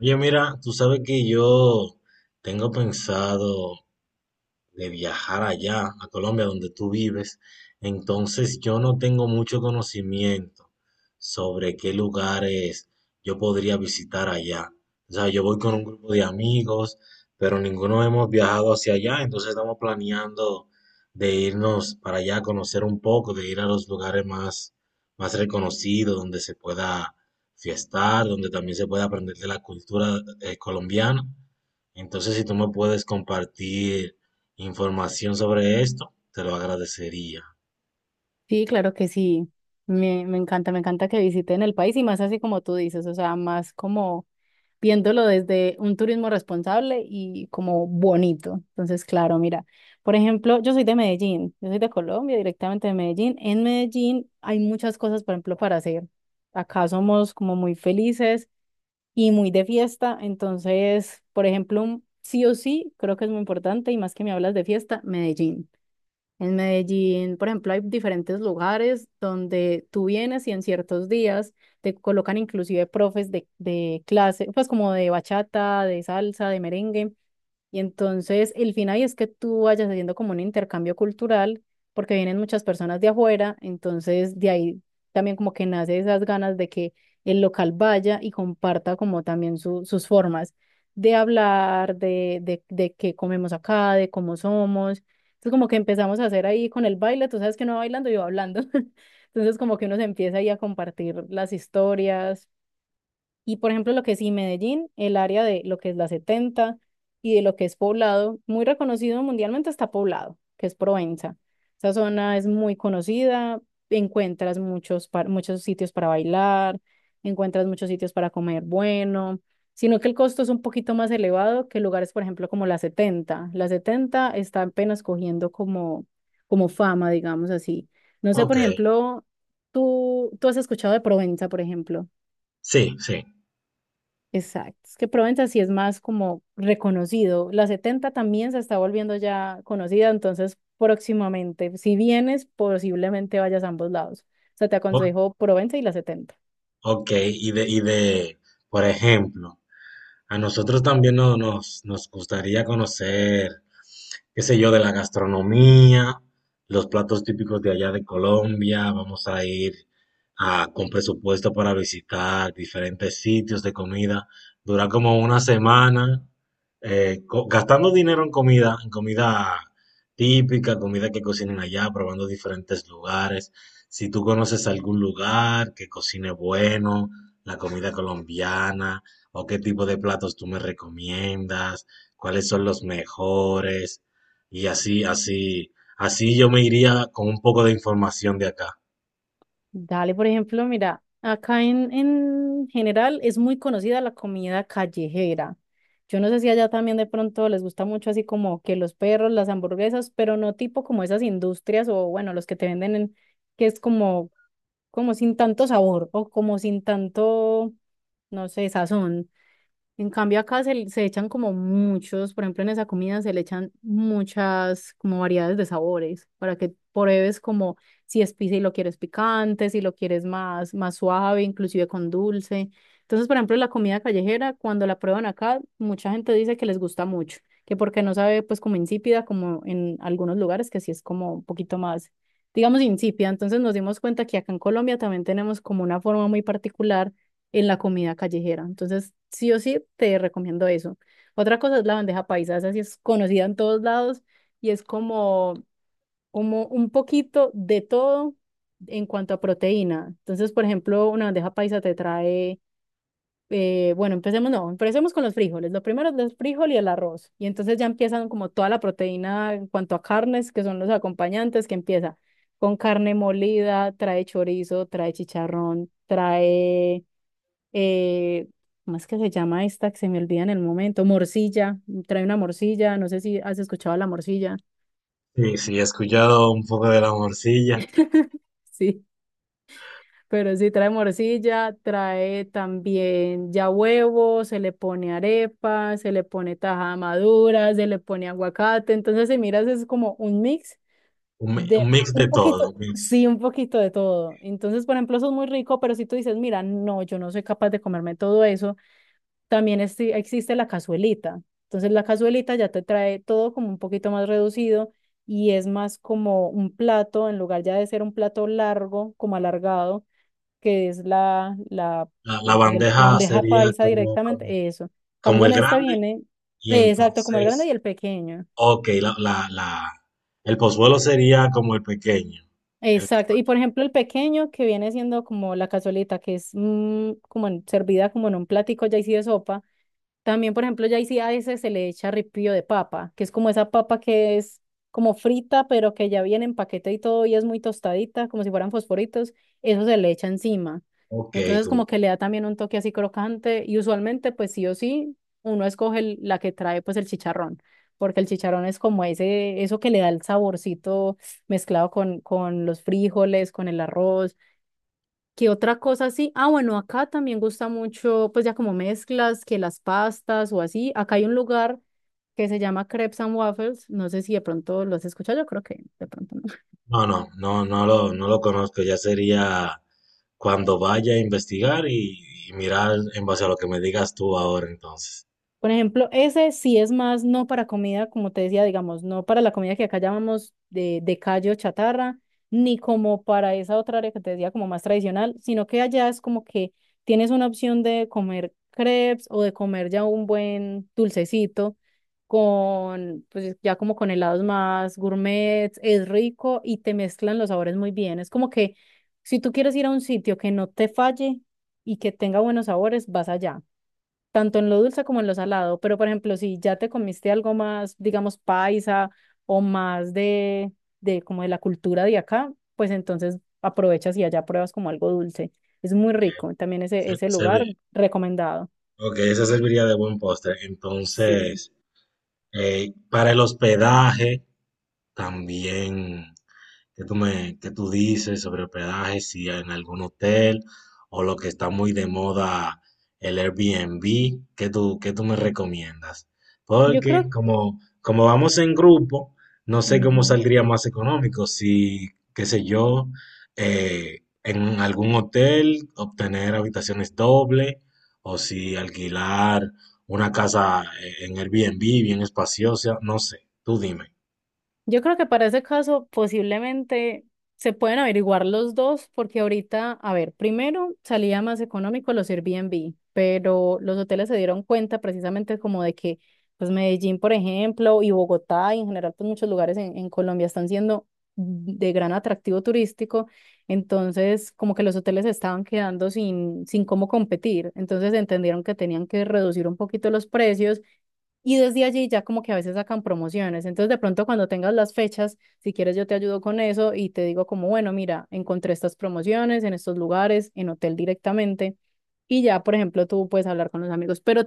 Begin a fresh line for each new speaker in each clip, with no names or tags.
Oye, mira, tú sabes que yo tengo pensado de viajar allá, a Colombia, donde tú vives. Entonces yo no tengo mucho conocimiento sobre qué lugares yo podría visitar allá. O sea, yo voy con un grupo de amigos, pero ninguno hemos viajado hacia allá, entonces estamos planeando de irnos para allá a conocer un poco, de ir a los lugares más, más reconocidos, donde se pueda fiestar, donde también se pueda aprender de la cultura colombiana. Entonces, si tú me puedes compartir información sobre esto, te lo agradecería.
Sí, claro que sí. Me encanta, me encanta que visiten el país y más así como tú dices, o sea, más como viéndolo desde un turismo responsable y como bonito. Entonces, claro, mira, por ejemplo, yo soy de Medellín, yo soy de Colombia, directamente de Medellín. En Medellín hay muchas cosas, por ejemplo, para hacer. Acá somos como muy felices y muy de fiesta, entonces, por ejemplo, sí o sí, creo que es muy importante y más que me hablas de fiesta, Medellín. En Medellín, por ejemplo, hay diferentes lugares donde tú vienes y en ciertos días te colocan inclusive profes de clase, pues como de bachata, de salsa, de merengue. Y entonces el fin ahí es que tú vayas haciendo como un intercambio cultural, porque vienen muchas personas de afuera, entonces de ahí también como que nace esas ganas de que el local vaya y comparta como también sus formas de hablar, de qué comemos acá, de cómo somos. Entonces como que empezamos a hacer ahí con el baile, tú sabes que no va bailando, yo va hablando. Entonces como que uno se empieza ahí a compartir las historias y, por ejemplo, lo que es y Medellín, el área de lo que es la 70 y de lo que es Poblado. Muy reconocido mundialmente está Poblado, que es Provenza. Esa zona es muy conocida, encuentras muchos, muchos sitios para bailar, encuentras muchos sitios para comer bueno, sino que el costo es un poquito más elevado que lugares, por ejemplo, como la 70. La 70 está apenas cogiendo como fama, digamos así. No sé,
Ok.
por ejemplo, tú has escuchado de Provenza, por ejemplo.
Sí, sí.
Exacto. Es que Provenza sí es más como reconocido. La 70 también se está volviendo ya conocida, entonces próximamente, si vienes, posiblemente vayas a ambos lados. O sea, te
O-
aconsejo Provenza y la 70.
ok, y de, por ejemplo, a nosotros también nos gustaría conocer qué sé yo, de la gastronomía, los platos típicos de allá de Colombia. Vamos a ir con presupuesto para visitar diferentes sitios de comida. Dura como una semana gastando dinero en comida típica, comida que cocinen allá, probando diferentes lugares. Si tú conoces algún lugar que cocine bueno, la comida colombiana, o qué tipo de platos tú me recomiendas, cuáles son los mejores, y así, así, así yo me iría con un poco de información de acá.
Dale, por ejemplo, mira, acá en general es muy conocida la comida callejera. Yo no sé si allá también de pronto les gusta mucho así como que los perros, las hamburguesas, pero no tipo como esas industrias o bueno, los que te venden en, que es como sin tanto sabor o como sin tanto, no sé, sazón. En cambio acá se echan como muchos, por ejemplo en esa comida se le echan muchas como variedades de sabores para que pruebes como si es pizza y lo quieres picante, si lo quieres más, más suave, inclusive con dulce. Entonces, por ejemplo, la comida callejera, cuando la prueban acá, mucha gente dice que les gusta mucho, que porque no sabe pues como insípida, como en algunos lugares que sí es como un poquito más, digamos, insípida. Entonces nos dimos cuenta que acá en Colombia también tenemos como una forma muy particular en la comida callejera. Entonces, sí o sí, te recomiendo eso. Otra cosa es la bandeja paisa, esa sí es conocida en todos lados y es como, como un poquito de todo en cuanto a proteína. Entonces, por ejemplo, una bandeja paisa te trae, bueno, empecemos, no, empecemos con los frijoles. Lo primero es el frijol y el arroz. Y entonces ya empiezan como toda la proteína en cuanto a carnes, que son los acompañantes, que empieza con carne molida, trae chorizo, trae chicharrón, trae eh, ¿cómo es que se llama esta que se me olvida en el momento? Morcilla, trae una morcilla, no sé si has escuchado la morcilla.
Sí, sí, he escuchado un poco de la morcilla.
Sí, pero sí trae morcilla, trae también ya huevo, se le pone arepa, se le pone tajada madura, se le pone aguacate, entonces si miras es como un mix
Un,
de
un mix de
un
todo,
poquito,
un mix.
sí, un poquito de todo. Entonces, por ejemplo, eso es muy rico, pero si tú dices, mira, no, yo no soy capaz de comerme todo eso. También existe la cazuelita. Entonces la cazuelita ya te trae todo como un poquito más reducido y es más como un plato, en lugar ya de ser un plato largo, como alargado, que es la, la,
La
el- pues, la
bandeja
bandeja
sería
paisa
como, como,
directamente, eso. En
como
cambio
el
en esta
grande.
viene,
Y
exacto, como el grande
entonces,
y el pequeño.
ok, el pozuelo sería como el pequeño. El,
Exacto. Y, por ejemplo, el pequeño que viene siendo como la cazuelita, que es como servida como en un platico ya así de sopa. También, por ejemplo, ya ahí sí a ese se le echa ripio de papa, que es como esa papa que es como frita, pero que ya viene en paquete y todo, y es muy tostadita, como si fueran fosforitos, eso se le echa encima.
ok,
Entonces,
como,
como que le da también un toque así crocante, y usualmente, pues sí o sí, uno escoge la que trae pues el chicharrón, porque el chicharrón es como ese, eso que le da el saborcito mezclado con los frijoles, con el arroz. ¿Qué otra cosa así? Ah, bueno, acá también gusta mucho, pues ya como mezclas, que las pastas o así. Acá hay un lugar que se llama Crepes and Waffles. No sé si de pronto lo has escuchado, yo creo que de pronto no.
no, no, no, no lo conozco, ya sería cuando vaya a investigar y mirar en base a lo que me digas tú ahora entonces.
Por ejemplo, ese sí es más no para comida, como te decía, digamos, no para la comida que acá llamamos de calle o chatarra, ni como para esa otra área que te decía como más tradicional, sino que allá es como que tienes una opción de comer crepes o de comer ya un buen dulcecito con, pues ya como con helados más gourmet, es rico y te mezclan los sabores muy bien. Es como que si tú quieres ir a un sitio que no te falle y que tenga buenos sabores, vas allá tanto en lo dulce como en lo salado. Pero, por ejemplo, si ya te comiste algo más, digamos, paisa o más de, como de la cultura de acá, pues entonces aprovechas y allá pruebas como algo dulce. Es muy rico. También ese,
Se,
ese
se
lugar
ve-
recomendado.
Ok, eso serviría de buen postre.
Sí.
Entonces, para el hospedaje también. ¿Qué tú dices sobre hospedaje? Si en algún hotel o lo que está muy de moda, el Airbnb, ¿qué tú me recomiendas?
Yo
Porque
creo.
como, como vamos en grupo, no sé cómo
Ujú.
saldría más económico, si, qué sé yo, en algún hotel obtener habitaciones doble o si alquilar una casa en Airbnb bien espaciosa, no sé, tú dime.
Yo creo que para ese caso posiblemente se pueden averiguar los dos, porque ahorita, a ver, primero salía más económico los Airbnb, pero los hoteles se dieron cuenta precisamente como de que, pues Medellín, por ejemplo, y Bogotá, y en general, pues muchos lugares en Colombia están siendo de gran atractivo turístico, entonces como que los hoteles se estaban quedando sin cómo competir, entonces entendieron que tenían que reducir un poquito los precios y desde allí ya como que a veces sacan promociones. Entonces de pronto cuando tengas las fechas, si quieres yo te ayudo con eso y te digo como, bueno, mira, encontré estas promociones en estos lugares, en hotel directamente. Y ya, por ejemplo, tú puedes hablar con los amigos. Pero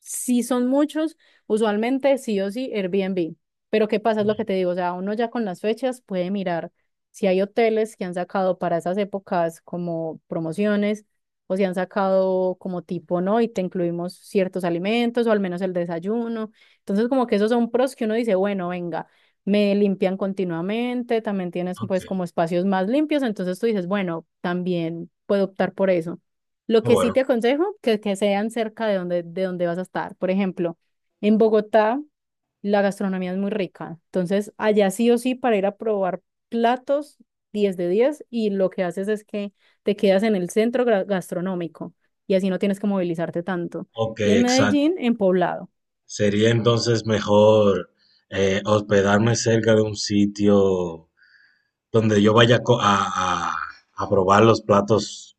si son muchos, usualmente sí o sí Airbnb. Pero ¿qué pasa? Es lo que te digo. O sea, uno ya con las fechas puede mirar si hay hoteles que han sacado para esas épocas como promociones o si han sacado como tipo, ¿no? Y te incluimos ciertos alimentos o al menos el desayuno. Entonces, como que esos son pros que uno dice, bueno, venga, me limpian continuamente, también tienes
Ok.
pues como espacios más limpios, entonces tú dices, bueno, también puedo optar por eso. Lo
Ah,
que sí
bueno,
te aconsejo, que sean cerca de donde vas a estar. Por ejemplo, en Bogotá. La gastronomía es muy rica. Entonces, allá sí o sí, para ir a probar platos, 10 de 10, y lo que haces es que te quedas en el centro gastronómico y así no tienes que movilizarte tanto.
ok,
Y en
exacto.
Medellín, en Poblado.
Sería entonces mejor hospedarme cerca de un sitio donde yo vaya a, a- a probar los platos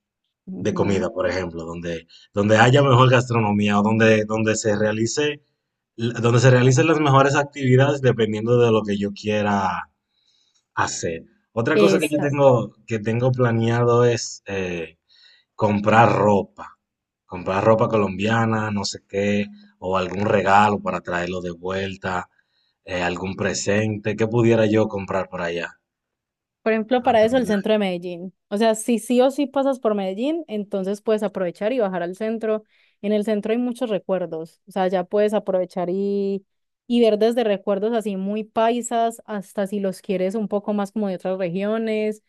de
Ujú.
comida, por ejemplo, donde, donde haya mejor gastronomía o donde, donde se realice, donde se realicen las mejores actividades dependiendo de lo que yo quiera hacer. Otra cosa que
Es,
yo tengo, que tengo planeado es comprar ropa, comprar ropa colombiana, no sé qué, o algún regalo para traerlo de vuelta, algún presente, ¿qué pudiera yo comprar por allá?
Por ejemplo, para eso el
¿Antonio?
centro de Medellín. O sea, si sí o sí pasas por Medellín, entonces puedes aprovechar y bajar al centro. En el centro hay muchos recuerdos. O sea, ya puedes aprovechar y ver desde recuerdos así muy paisas hasta si los quieres un poco más como de otras regiones.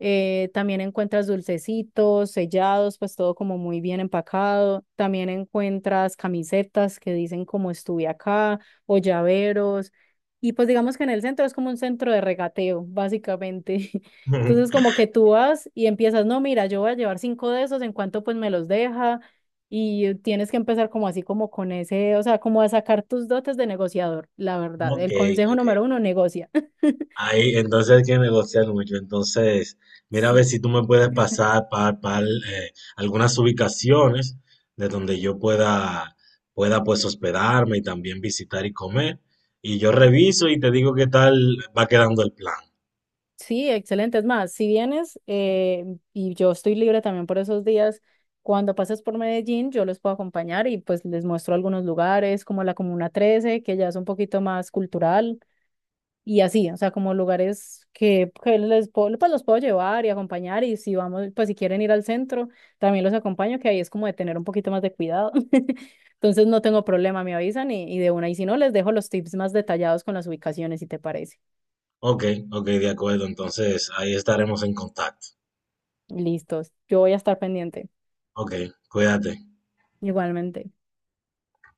También encuentras dulcecitos, sellados, pues todo como muy bien empacado. También encuentras camisetas que dicen como "estuve acá" o llaveros. Y pues digamos que en el centro es como un centro de regateo, básicamente. Entonces como que tú vas y empiezas, no, mira, yo voy a llevar cinco de esos, en cuanto pues me los deja. Y tienes que empezar como así, como con ese, o sea, como a sacar tus dotes de negociador, la verdad.
Ok,
El consejo
ok.
número uno, negocia.
Ahí entonces hay que negociar mucho. Entonces, mira a ver
Sí.
si tú me puedes pasar para algunas ubicaciones de donde yo pueda, pueda pues hospedarme y también visitar y comer. Y yo reviso y te digo qué tal va quedando el plan.
Sí, excelente. Es más, si vienes y yo estoy libre también por esos días, cuando pases por Medellín, yo les puedo acompañar y pues les muestro algunos lugares como la Comuna 13, que ya es un poquito más cultural y así, o sea, como lugares que les puedo, pues los puedo llevar y acompañar y si vamos, pues si quieren ir al centro, también los acompaño, que ahí es como de tener un poquito más de cuidado. Entonces no tengo problema, me avisan y de una, y si no, les dejo los tips más detallados con las ubicaciones, si te parece.
Ok, ok, de acuerdo. Entonces ahí estaremos en contacto.
Listos, yo voy a estar pendiente.
Ok, cuídate.
Igualmente.